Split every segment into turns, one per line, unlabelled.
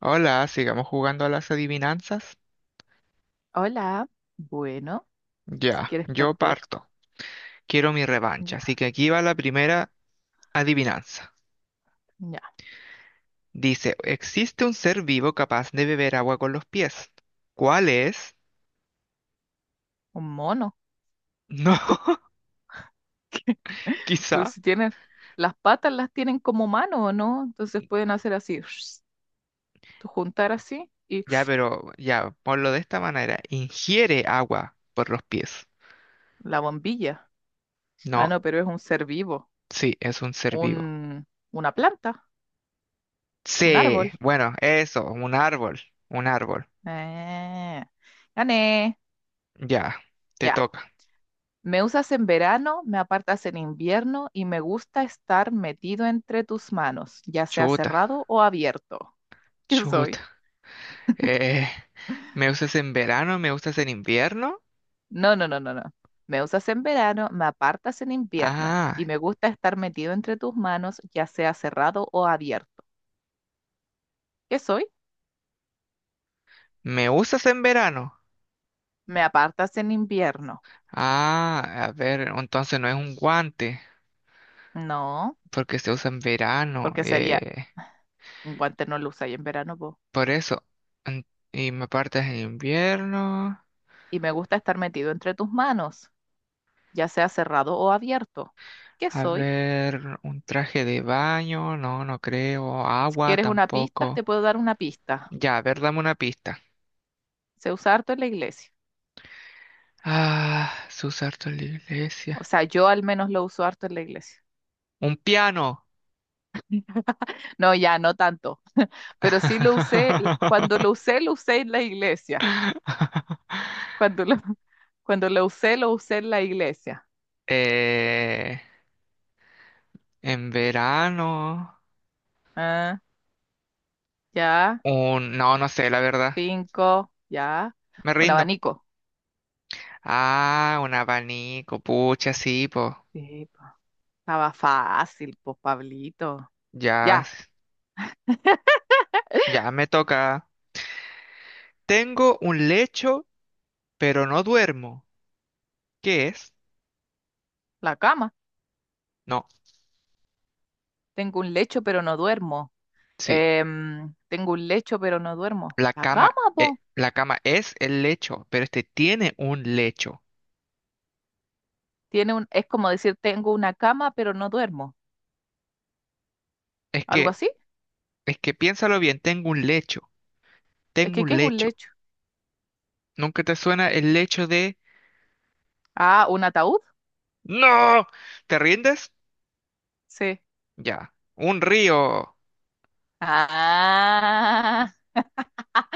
Hola, sigamos jugando a las adivinanzas.
Hola, bueno, si
Ya,
quieres
yo
perder,
parto. Quiero mi revancha, así
ya,
que aquí va la primera adivinanza.
ya,
Dice, existe un ser vivo capaz de beber agua con los pies. ¿Cuál es?
un mono.
No,
Pero
quizá.
si tienen, las patas las tienen como mano, ¿o no? Entonces pueden hacer así, tú juntar así y
Ya, pero ya, ponlo de esta manera. Ingiere agua por los pies.
la bombilla. Ah,
No,
no, pero es un ser vivo,
sí, es un ser vivo.
un, una planta, un
Sí,
árbol.
bueno, eso, un árbol, un árbol.
Eh, gané,
Ya, te
ya.
toca.
Me usas en verano, me apartas en invierno y me gusta estar metido entre tus manos, ya sea
Chuta,
cerrado o abierto. ¿Qué soy?
chuta. Eh, ¿Me usas en verano? ¿Me usas en invierno?
No, no, no, no, no. Me usas en verano, me apartas en invierno
Ah,
y me gusta estar metido entre tus manos, ya sea cerrado o abierto. ¿Qué soy?
¿me usas en verano?
Me apartas en invierno.
Ah, a ver, entonces no es un guante,
No,
porque se usa en verano.
porque sería un guante no lo usáis en verano, po.
Por eso. En- Y me partes en invierno.
Y me gusta estar metido entre tus manos, ya sea cerrado o abierto. ¿Qué
A
soy?
ver, un traje de baño, no, no creo.
Si
Agua
quieres una pista,
tampoco.
te puedo dar una pista.
Ya, a ver, dame una pista.
Se usa harto en la iglesia.
Ah, se usa harto en la
O
iglesia.
sea, yo al menos lo uso harto en la iglesia.
Un piano.
No, ya, no tanto. Pero sí lo usé, cuando lo usé en la iglesia. Cuando lo, cuando lo usé en la iglesia.
Eh, en verano,
Ah, ya,
un, no, no sé, la verdad.
cinco, ya.
Me
Un
rindo.
abanico.
Ah, un abanico, pucha, sí, pues,
Sí, po. Estaba fácil, pues, Pablito.
ya,
Ya,
ya me toca. Tengo un lecho, pero no duermo. ¿Qué es?
la cama.
No,
Tengo un lecho, pero no duermo.
sí,
Tengo un lecho, pero no duermo.
la
La
cama,
cama, po.
la cama es el lecho, pero este tiene un lecho.
Es como decir, tengo una cama, pero no duermo.
Es
Algo
que,
así.
es que piénsalo bien, tengo un lecho,
Es
tengo
que, ¿qué
un
es un
lecho.
lecho?
¿Nunca te suena el lecho de...
Ah, un ataúd.
¡No! ¿Te rindes?
Sí.
Ya. Un río.
Ah,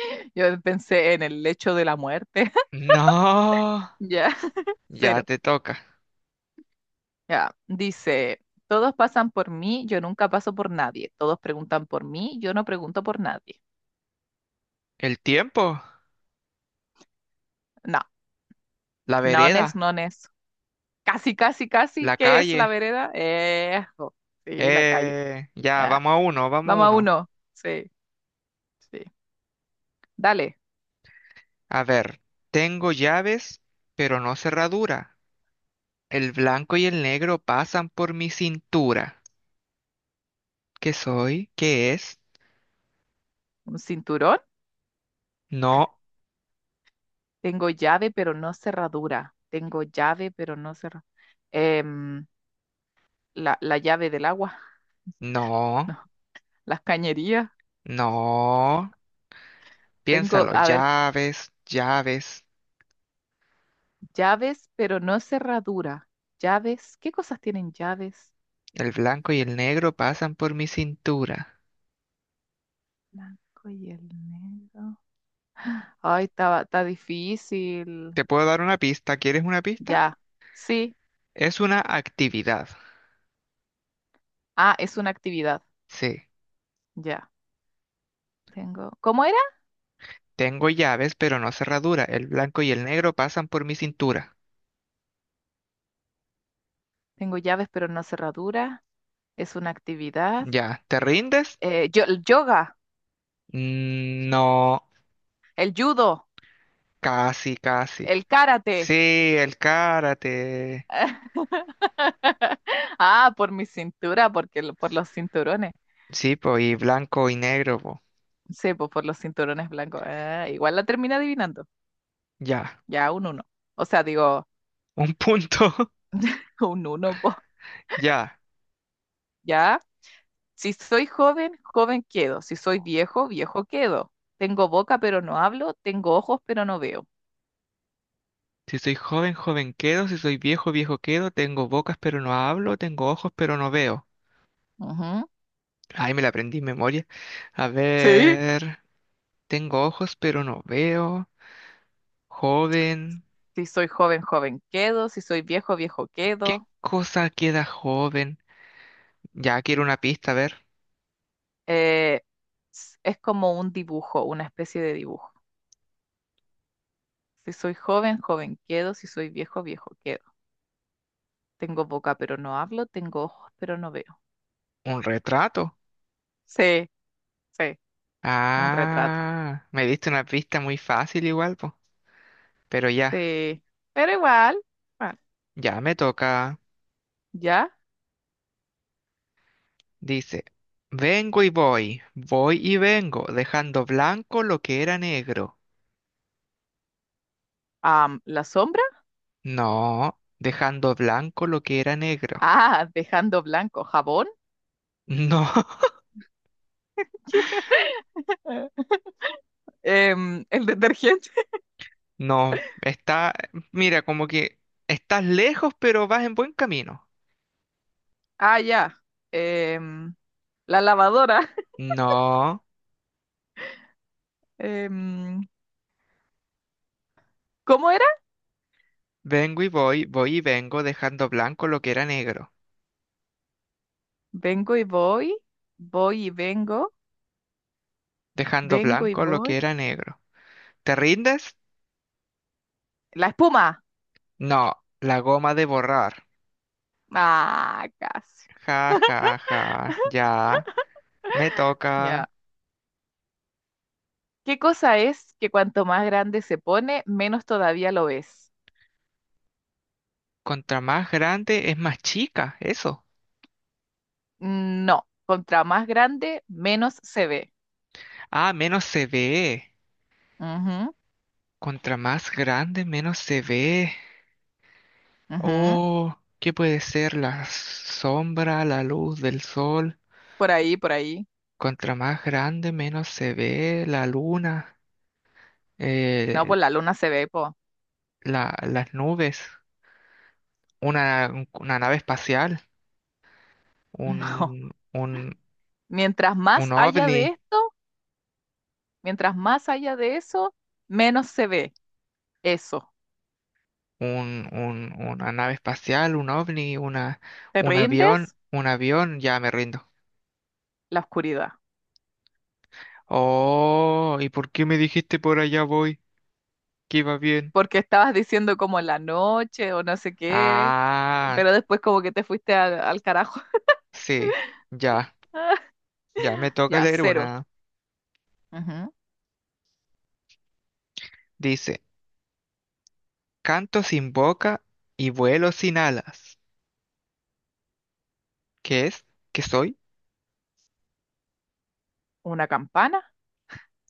yo pensé en el lecho de la muerte.
No.
Ya,
Ya
cero.
te toca.
Ya, dice, todos pasan por mí, yo nunca paso por nadie. Todos preguntan por mí, yo no pregunto por nadie.
El tiempo.
No,
La
nones,
vereda.
nones. Casi, casi, casi,
La
¿qué es la
calle.
vereda? Ejo, sí, la calle.
Ya,
Ya,
vamos a uno, vamos a
vamos a
uno.
uno. Sí, sí. Dale,
A ver. Tengo llaves, pero no cerradura. El blanco y el negro pasan por mi cintura. ¿Qué soy? ¿Qué es?
un cinturón.
No,
Tengo llave, pero no cerradura. Tengo llave, pero no cerradura. La llave del agua.
no,
No, las cañerías.
no.
Tengo,
Piénsalo.
a ver,
Llaves, llaves.
Llaves, pero no cerradura. Llaves, ¿qué cosas tienen llaves?
El blanco y el negro pasan por mi cintura.
Blanco y el negro. Ay, está difícil.
¿Te puedo dar una pista? ¿Quieres una pista?
Ya. Sí.
Es una actividad.
Ah, es una actividad.
Sí.
Ya. Tengo. ¿Cómo era?
Tengo llaves, pero no cerradura. El blanco y el negro pasan por mi cintura.
Tengo llaves, pero no cerradura. Es una actividad.
Ya. ¿Te rindes?
El yoga,
Mm, no.
el judo,
Casi, casi.
el karate.
Sí, el karate.
Ah, por mi cintura, por los cinturones.
Sí, po, y blanco y negro, po.
Sí, pues por los cinturones blancos. Ah, igual la termina adivinando.
Ya.
Ya un uno. O sea, digo,
Un punto.
un uno, po.
Ya.
Ya, si soy joven, joven quedo. Si soy viejo, viejo quedo. Tengo boca, pero no hablo. Tengo ojos, pero no veo.
Si soy joven, joven quedo. Si soy viejo, viejo quedo. Tengo bocas, pero no hablo. Tengo ojos, pero no veo.
Ujú.
Ay, me la aprendí en memoria. A
Sí.
ver. Tengo ojos, pero no veo. Joven.
Si soy joven, joven quedo. Si soy viejo, viejo
¿Qué
quedo.
cosa queda joven? Ya quiero una pista, a ver.
Eh, es como un dibujo, una especie de dibujo. Si soy joven, joven quedo. Si soy viejo, viejo quedo. Tengo boca, pero no hablo. Tengo ojos, pero no veo.
¿Un retrato?
Sí, sí, un retrato.
Ah, me diste una pista muy fácil igual, po. Pero ya,
Sí, pero igual, bueno,
ya me toca.
ya.
Dice, vengo y voy, voy y vengo, dejando blanco lo que era negro.
La sombra,
No, dejando blanco lo que era negro.
ah, dejando blanco, jabón,
No,
El detergente,
no, está, mira, como que estás lejos, pero vas en buen camino.
ah, ya, Em, la lavadora,
No.
Em, ¿cómo era?
Vengo y voy, voy y vengo, dejando blanco lo que era negro,
Vengo y voy, voy y vengo,
dejando
vengo y
blanco lo que
voy,
era negro. ¿Te rindes?
la espuma,
No, la goma de borrar.
ah, casi,
Ja, ja, ja, ya, me toca.
ya. ¿Qué cosa es que cuanto más grande se pone, menos todavía lo ves?
Contra más grande es más chica, eso.
No, contra más grande, menos se ve.
Ah, menos se ve.
Ujú.
Contra más grande, menos se ve.
Ujú,
Oh, ¿qué puede ser la sombra, la luz del sol?
por ahí, por ahí.
Contra más grande, menos se ve la luna.
No,
Eh,
pues la luna se ve, po.
la- las nubes, una nave espacial,
No.
un, un,
Mientras
un
más haya
ovni,
de esto, mientras más haya de eso, menos se ve. Eso.
una nave espacial, un ovni, una,
¿Te rindes?
un avión, ya me rindo.
La oscuridad.
Oh, ¿y por qué me dijiste por allá voy? Que iba bien.
Porque estabas diciendo como la noche o no sé qué,
Ah,
pero después como que te fuiste al carajo.
sí, ya, ya me toca
Ya,
leer
cero.
una.
Ujú.
Dice, canto sin boca y vuelo sin alas. ¿Qué es? ¿Qué soy?
¿Una campana?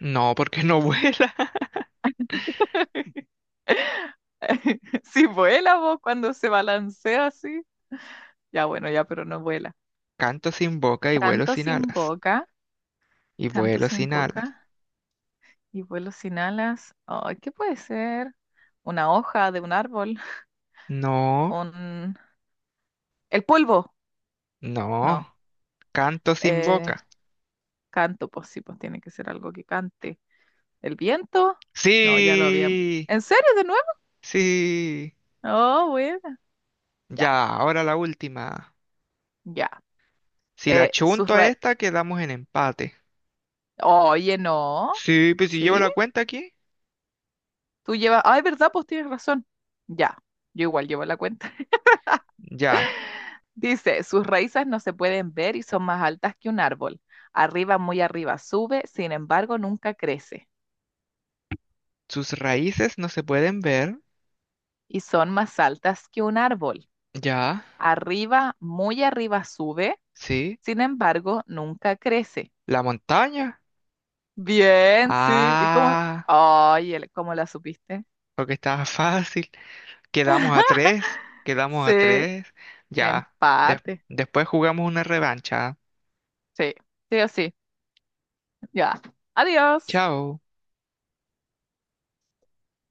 No, porque no vuela.
Si vuela vos cuando se balancea así. Ya, bueno, ya, pero no vuela.
Canto sin boca y vuelo
Tanto
sin
sin
alas.
boca,
Y
tanto
vuelo
sin
sin
boca.
alas.
Y vuelo sin alas. Ay, ¿qué puede ser? ¿Una hoja de un árbol?
No,
¿Un... ¿El polvo?
no.
No.
Canto sin
Eh,
boca.
canto, pues sí, pues tiene que ser algo que cante. ¿El viento? No, ya lo había.
Sí,
¿En serio, de nuevo?
sí.
Oh, bueno. Ya,
Ya, ahora la última.
ya.
Si la
Eh, sus
chunto a
ra-
esta, quedamos en empate.
Oye, no.
Sí, pues si llevo
¿Sí?
la cuenta aquí.
Ay, ¿verdad? Pues tienes razón. Ya. Yo igual llevo la cuenta.
Ya.
Dice, sus raíces no se pueden ver y son más altas que un árbol. Arriba, muy arriba sube, sin embargo, nunca crece.
Sus raíces no se pueden ver.
Y son más altas que un árbol.
Ya,
Arriba, muy arriba sube,
sí.
sin embargo, nunca crece.
La montaña.
Bien, sí. ¿Y cómo?
Ah,
Ay, ¿cómo la supiste?
porque estaba fácil. Quedamos a tres, quedamos a
Sí,
tres. Ya, des-
empate.
después jugamos una revancha.
Sí, sí o sí. Ya. Adiós.
Chao.